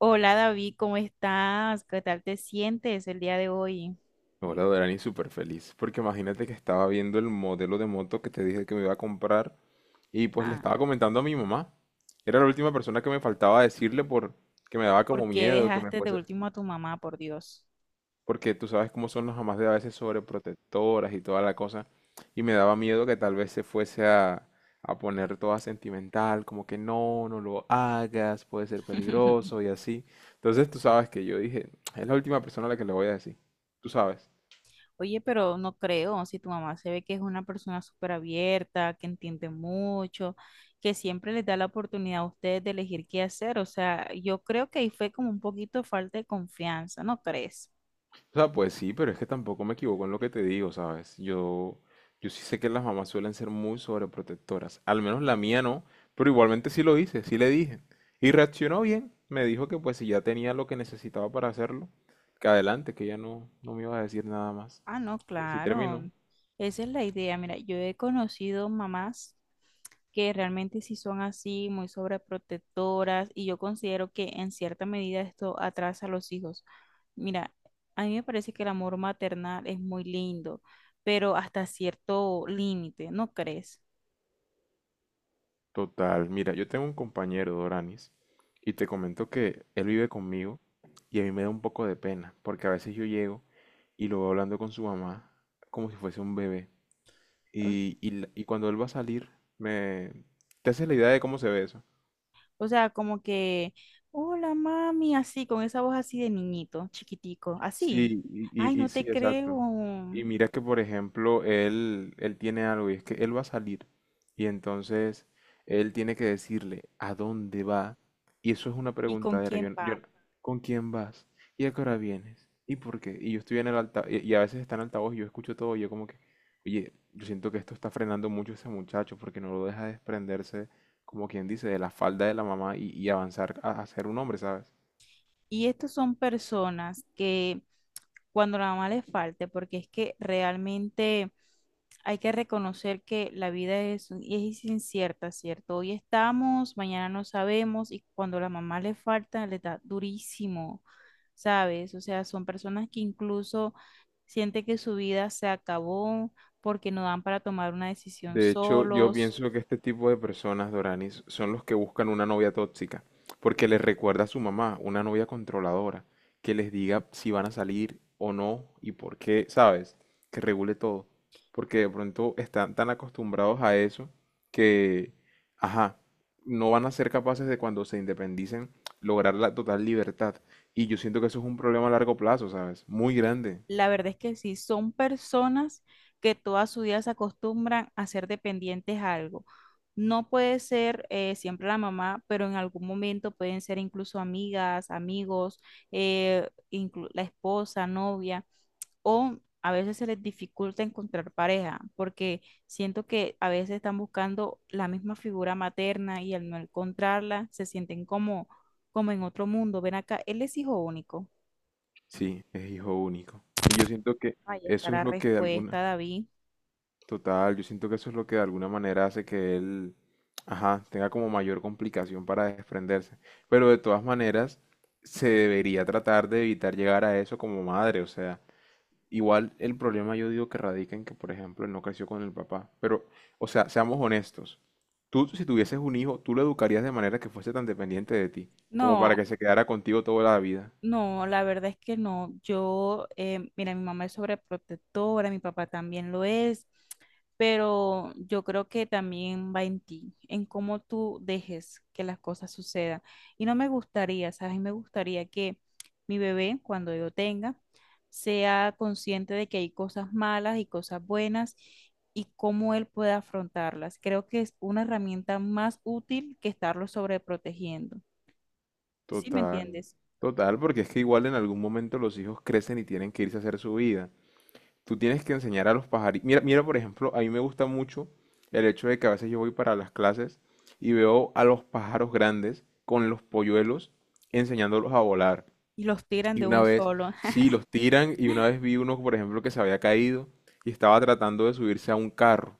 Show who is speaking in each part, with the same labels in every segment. Speaker 1: Hola David, ¿cómo estás? ¿Qué tal te sientes el día de hoy?
Speaker 2: Hola Dorani, súper feliz, porque imagínate que estaba viendo el modelo de moto que te dije que me iba a comprar y pues le
Speaker 1: Ah,
Speaker 2: estaba comentando a mi mamá. Era la última persona que me faltaba decirle por que me daba como
Speaker 1: ¿por qué
Speaker 2: miedo que me
Speaker 1: dejaste de
Speaker 2: fuese,
Speaker 1: último a tu mamá, por Dios?
Speaker 2: porque tú sabes cómo son las mamás de a veces sobreprotectoras y toda la cosa, y me daba miedo que tal vez se fuese a poner toda sentimental, como que no, no lo hagas, puede ser peligroso y así. Entonces tú sabes que yo dije, es la última persona a la que le voy a decir, tú sabes.
Speaker 1: Oye, pero no creo, si tu mamá se ve que es una persona súper abierta, que entiende mucho, que siempre les da la oportunidad a ustedes de elegir qué hacer, o sea, yo creo que ahí fue como un poquito falta de confianza, ¿no crees?
Speaker 2: O sea, pues sí, pero es que tampoco me equivoco en lo que te digo, ¿sabes? Yo sí sé que las mamás suelen ser muy sobreprotectoras. Al menos la mía no, pero igualmente sí lo hice, sí le dije. Y reaccionó bien. Me dijo que pues si ya tenía lo que necesitaba para hacerlo, que adelante, que ya no, no me iba a decir nada más.
Speaker 1: Ah, no,
Speaker 2: Y así
Speaker 1: claro,
Speaker 2: terminó.
Speaker 1: esa es la idea. Mira, yo he conocido mamás que realmente sí son así, muy sobreprotectoras, y yo considero que en cierta medida esto atrasa a los hijos. Mira, a mí me parece que el amor maternal es muy lindo, pero hasta cierto límite, ¿no crees?
Speaker 2: Total, mira, yo tengo un compañero, Doranis, y te comento que él vive conmigo y a mí me da un poco de pena, porque a veces yo llego y lo veo hablando con su mamá como si fuese un bebé.
Speaker 1: O,
Speaker 2: Y cuando él va a salir, me... ¿Te haces la idea de cómo se ve eso?
Speaker 1: o sea, como que, hola mami, así, con esa voz así de niñito, chiquitico, así.
Speaker 2: Sí, y,
Speaker 1: Ay,
Speaker 2: y- y
Speaker 1: no
Speaker 2: sí,
Speaker 1: te
Speaker 2: exacto.
Speaker 1: creo.
Speaker 2: Y mira que, por ejemplo, él tiene algo y es que él va a salir y entonces él tiene que decirle a dónde va y eso es una
Speaker 1: ¿Y con
Speaker 2: preguntadera.
Speaker 1: quién va?
Speaker 2: ¿Con quién vas? ¿Y a qué hora vienes? ¿Y por qué? Y yo estoy en el altavoz y a veces está en altavoz y yo escucho todo y yo como que, oye, yo siento que esto está frenando mucho a ese muchacho porque no lo deja desprenderse, como quien dice, de la falda de la mamá y avanzar a ser un hombre, ¿sabes?
Speaker 1: Y estos son personas que cuando la mamá le falte, porque es que realmente hay que reconocer que la vida es incierta, ¿cierto? Hoy estamos, mañana no sabemos y cuando la mamá le falta, le da durísimo, ¿sabes? O sea, son personas que incluso sienten que su vida se acabó porque no dan para tomar una decisión
Speaker 2: De hecho, yo
Speaker 1: solos.
Speaker 2: pienso que este tipo de personas, Doranis, son los que buscan una novia tóxica, porque les recuerda a su mamá, una novia controladora, que les diga si van a salir o no y por qué, ¿sabes? Que regule todo, porque de pronto están tan acostumbrados a eso que, ajá, no van a ser capaces de cuando se independicen lograr la total libertad. Y yo siento que eso es un problema a largo plazo, ¿sabes? Muy grande.
Speaker 1: La verdad es que sí, son personas que toda su vida se acostumbran a ser dependientes a algo. No puede ser siempre la mamá, pero en algún momento pueden ser incluso amigas, amigos, la esposa, novia, o a veces se les dificulta encontrar pareja, porque siento que a veces están buscando la misma figura materna y al no encontrarla se sienten como, como en otro mundo. Ven acá, él es hijo único.
Speaker 2: Sí, es hijo único. Y yo siento que
Speaker 1: Ahí está
Speaker 2: eso es
Speaker 1: la
Speaker 2: lo que de
Speaker 1: respuesta,
Speaker 2: alguna...
Speaker 1: David.
Speaker 2: Total, yo siento que eso es lo que de alguna manera hace que él, ajá, tenga como mayor complicación para desprenderse. Pero de todas maneras, se debería tratar de evitar llegar a eso como madre. O sea, igual el problema yo digo que radica en que, por ejemplo, él no creció con el papá. Pero, o sea, seamos honestos. Tú, si tuvieses un hijo, tú lo educarías de manera que fuese tan dependiente de ti, como
Speaker 1: No,
Speaker 2: para que se quedara contigo toda la vida.
Speaker 1: no, la verdad es que no. Mira, mi mamá es sobreprotectora, mi papá también lo es, pero yo creo que también va en ti, en cómo tú dejes que las cosas sucedan. Y no me gustaría, ¿sabes? Y me gustaría que mi bebé, cuando yo tenga, sea consciente de que hay cosas malas y cosas buenas y cómo él puede afrontarlas. Creo que es una herramienta más útil que estarlo sobreprotegiendo. ¿Sí me
Speaker 2: Total,
Speaker 1: entiendes?
Speaker 2: total, porque es que igual en algún momento los hijos crecen y tienen que irse a hacer su vida. Tú tienes que enseñar a los pajaritos. Mira, mira, por ejemplo, a mí me gusta mucho el hecho de que a veces yo voy para las clases y veo a los pájaros grandes con los polluelos enseñándolos a volar.
Speaker 1: Y los tiran
Speaker 2: Y
Speaker 1: de
Speaker 2: una
Speaker 1: un
Speaker 2: vez,
Speaker 1: solo.
Speaker 2: sí, los tiran y una vez vi uno, por ejemplo, que se había caído y estaba tratando de subirse a un carro.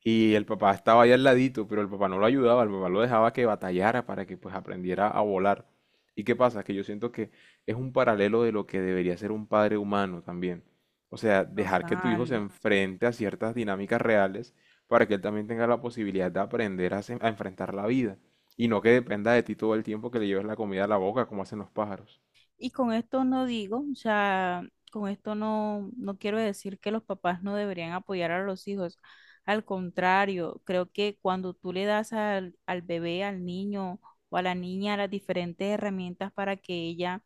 Speaker 2: Y el papá estaba ahí al ladito, pero el papá no lo ayudaba, el papá lo dejaba que batallara para que pues aprendiera a volar. ¿Y qué pasa? Que yo siento que es un paralelo de lo que debería ser un padre humano también. O sea, dejar que tu hijo se
Speaker 1: Total.
Speaker 2: enfrente a ciertas dinámicas reales para que él también tenga la posibilidad de aprender a enfrentar la vida. Y no que dependa de ti todo el tiempo que le lleves la comida a la boca, como hacen los pájaros.
Speaker 1: Y con esto no digo, o sea, con esto no quiero decir que los papás no deberían apoyar a los hijos. Al contrario, creo que cuando tú le das al bebé, al niño o a la niña las diferentes herramientas para que ella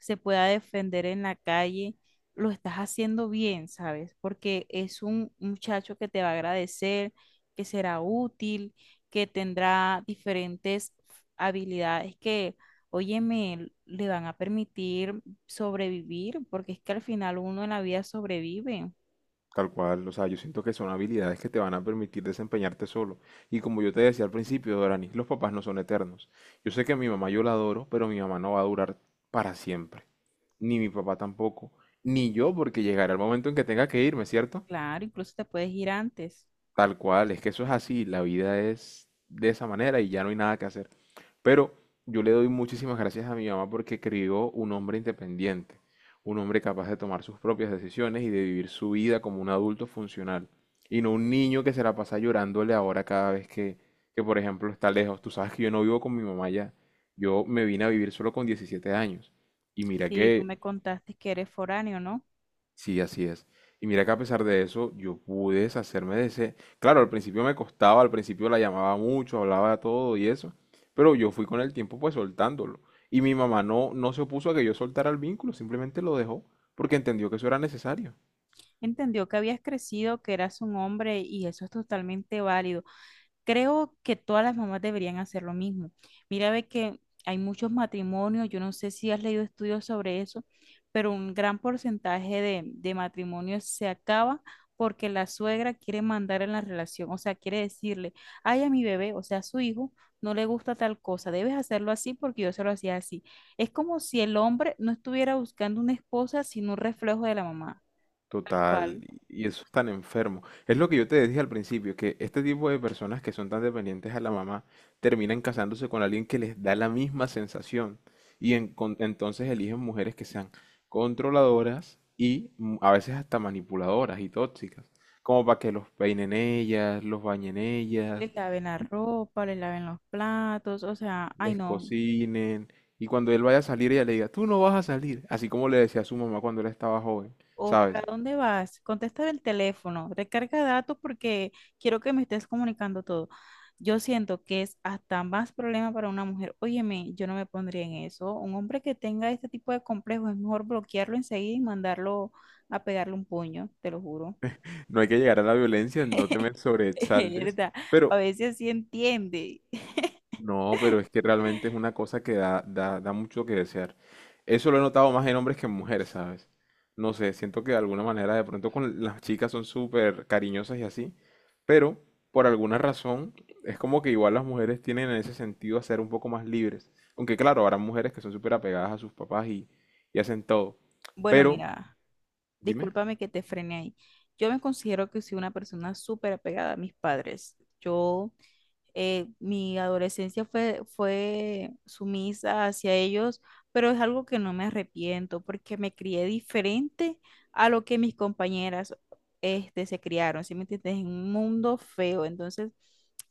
Speaker 1: se pueda defender en la calle, lo estás haciendo bien, ¿sabes? Porque es un muchacho que te va a agradecer, que será útil, que tendrá diferentes habilidades que, óyeme, le van a permitir sobrevivir, porque es que al final uno en la vida sobrevive.
Speaker 2: Tal cual, o sea, yo siento que son habilidades que te van a permitir desempeñarte solo. Y como yo te decía al principio, Dorani, los papás no son eternos. Yo sé que mi mamá yo la adoro, pero mi mamá no va a durar para siempre. Ni mi papá tampoco. Ni yo, porque llegará el momento en que tenga que irme, ¿cierto?
Speaker 1: Claro, incluso te puedes ir antes.
Speaker 2: Tal cual, es que eso es así, la vida es de esa manera y ya no hay nada que hacer. Pero yo le doy muchísimas gracias a mi mamá porque crió un hombre independiente, un hombre capaz de tomar sus propias decisiones y de vivir su vida como un adulto funcional. Y no un niño que se la pasa llorándole ahora cada vez que por ejemplo, está lejos. Tú sabes que yo no vivo con mi mamá ya. Yo me vine a vivir solo con 17 años. Y mira
Speaker 1: Sí, tú
Speaker 2: que
Speaker 1: me contaste que eres foráneo, ¿no?
Speaker 2: sí, así es. Y mira que a pesar de eso, yo pude deshacerme de ese. Claro, al principio me costaba, al principio la llamaba mucho, hablaba todo y eso, pero yo fui con el tiempo pues soltándolo. Y mi mamá no, no se opuso a que yo soltara el vínculo, simplemente lo dejó porque entendió que eso era necesario.
Speaker 1: Entendió que habías crecido, que eras un hombre y eso es totalmente válido. Creo que todas las mamás deberían hacer lo mismo. Mira, ve que hay muchos matrimonios, yo no sé si has leído estudios sobre eso, pero un gran porcentaje de matrimonios se acaba porque la suegra quiere mandar en la relación, o sea, quiere decirle, ay, a mi bebé, o sea, a su hijo, no le gusta tal cosa, debes hacerlo así porque yo se lo hacía así. Es como si el hombre no estuviera buscando una esposa, sino un reflejo de la mamá, al
Speaker 2: Total,
Speaker 1: cual
Speaker 2: y eso es tan enfermo. Es lo que yo te dije al principio, que este tipo de personas que son tan dependientes a la mamá terminan casándose con alguien que les da la misma sensación entonces eligen mujeres que sean controladoras y a veces hasta manipuladoras y tóxicas, como para que los peinen ellas, los bañen ellas,
Speaker 1: le laven la
Speaker 2: y
Speaker 1: ropa, le laven los platos, o sea, ay,
Speaker 2: les
Speaker 1: no.
Speaker 2: cocinen y cuando él vaya a salir ella le diga, tú no vas a salir, así como le decía a su mamá cuando él estaba joven,
Speaker 1: ¿O para
Speaker 2: ¿sabes?
Speaker 1: dónde vas? Contesta el teléfono, recarga datos porque quiero que me estés comunicando todo. Yo siento que es hasta más problema para una mujer. Óyeme, yo no me pondría en eso. Un hombre que tenga este tipo de complejo es mejor bloquearlo enseguida y mandarlo a pegarle un puño, te lo juro.
Speaker 2: No hay que llegar a la violencia, no te me
Speaker 1: Es
Speaker 2: sobreexaltes,
Speaker 1: verdad,
Speaker 2: pero
Speaker 1: a veces sí entiende.
Speaker 2: no, pero es que realmente es una cosa que da mucho que desear. Eso lo he notado más en hombres que en mujeres, ¿sabes? No sé, siento que de alguna manera de pronto con las chicas son súper cariñosas y así, pero por alguna razón es como que igual las mujeres tienen en ese sentido a ser un poco más libres. Aunque claro, habrá mujeres que son súper apegadas a sus papás y hacen todo.
Speaker 1: Bueno,
Speaker 2: Pero,
Speaker 1: mira,
Speaker 2: dime.
Speaker 1: discúlpame que te frene ahí. Yo me considero que soy una persona súper apegada a mis padres. Yo Mi adolescencia fue sumisa hacia ellos, pero es algo que no me arrepiento porque me crié diferente a lo que mis compañeras, este, se criaron, ¿sí me entiendes? En un mundo feo, entonces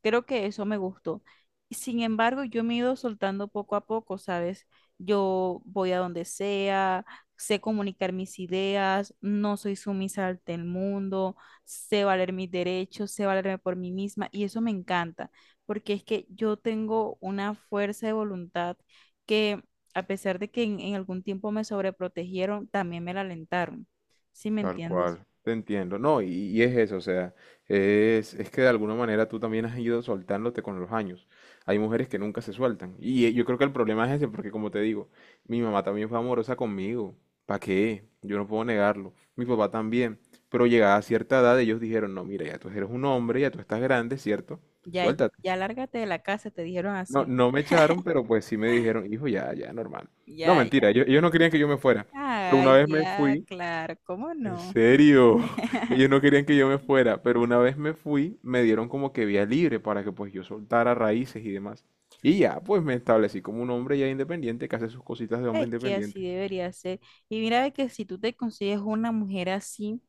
Speaker 1: creo que eso me gustó. Sin embargo, yo me he ido soltando poco a poco, ¿sabes? Yo voy a donde sea, sé comunicar mis ideas, no soy sumisa ante el mundo, sé valer mis derechos, sé valerme por mí misma y eso me encanta porque es que yo tengo una fuerza de voluntad que, a pesar de que en algún tiempo me sobreprotegieron, también me la alentaron. ¿Sí me
Speaker 2: Tal
Speaker 1: entiendes?
Speaker 2: cual, te entiendo. No, y es eso, o sea, es que de alguna manera tú también has ido soltándote con los años. Hay mujeres que nunca se sueltan. Y yo creo que el problema es ese, porque como te digo, mi mamá también fue amorosa conmigo. ¿Para qué? Yo no puedo negarlo. Mi papá también. Pero llegada a cierta edad, ellos dijeron, no, mira, ya tú eres un hombre, ya tú estás grande, ¿cierto?
Speaker 1: Ya,
Speaker 2: Suéltate.
Speaker 1: ya lárgate de la casa, te dijeron
Speaker 2: No,
Speaker 1: así.
Speaker 2: no me echaron, pero pues sí me dijeron, hijo, ya, ya, normal. No,
Speaker 1: Ya,
Speaker 2: mentira,
Speaker 1: ya.
Speaker 2: ellos no querían que yo me fuera. Pero una
Speaker 1: Ay,
Speaker 2: vez me
Speaker 1: ya,
Speaker 2: fui.
Speaker 1: claro, ¿cómo
Speaker 2: En
Speaker 1: no?
Speaker 2: serio, ellos no querían que yo me fuera, pero una vez me fui, me dieron como que vía libre para que pues yo soltara raíces y demás. Y ya, pues me establecí como un hombre ya independiente que hace sus cositas de hombre
Speaker 1: Es que así
Speaker 2: independiente.
Speaker 1: debería ser. Y mira, ve que si tú te consigues una mujer así,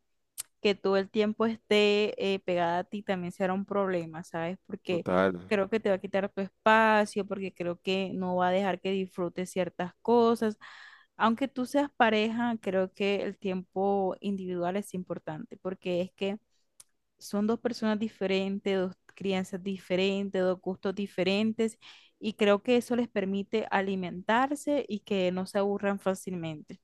Speaker 1: que todo el tiempo esté, pegada a ti, también será un problema, ¿sabes? Porque
Speaker 2: Total,
Speaker 1: creo que te va a quitar tu espacio, porque creo que no va a dejar que disfrutes ciertas cosas. Aunque tú seas pareja, creo que el tiempo individual es importante, porque es que son dos personas diferentes, dos crianzas diferentes, dos gustos diferentes, y creo que eso les permite alimentarse y que no se aburran fácilmente.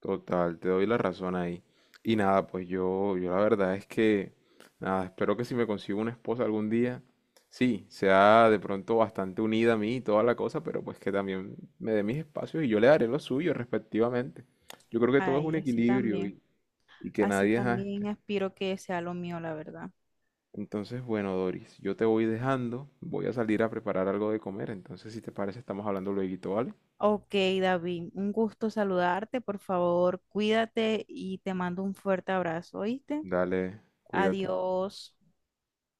Speaker 2: total, te doy la razón ahí. Y nada, pues yo la verdad es que, nada, espero que si me consigo una esposa algún día, sí, sea de pronto bastante unida a mí y toda la cosa, pero pues que también me dé mis espacios y yo le daré los suyos respectivamente. Yo creo que todo es un
Speaker 1: Ay, así
Speaker 2: equilibrio
Speaker 1: también.
Speaker 2: y que
Speaker 1: Así
Speaker 2: nadie ajá,
Speaker 1: también aspiro que sea lo mío, la verdad.
Speaker 2: entonces, bueno, Doris, yo te voy dejando, voy a salir a preparar algo de comer, entonces si te parece estamos hablando luego, ¿vale?
Speaker 1: Ok, David, un gusto saludarte. Por favor, cuídate y te mando un fuerte abrazo, ¿oíste?
Speaker 2: Dale, cuídate.
Speaker 1: Adiós.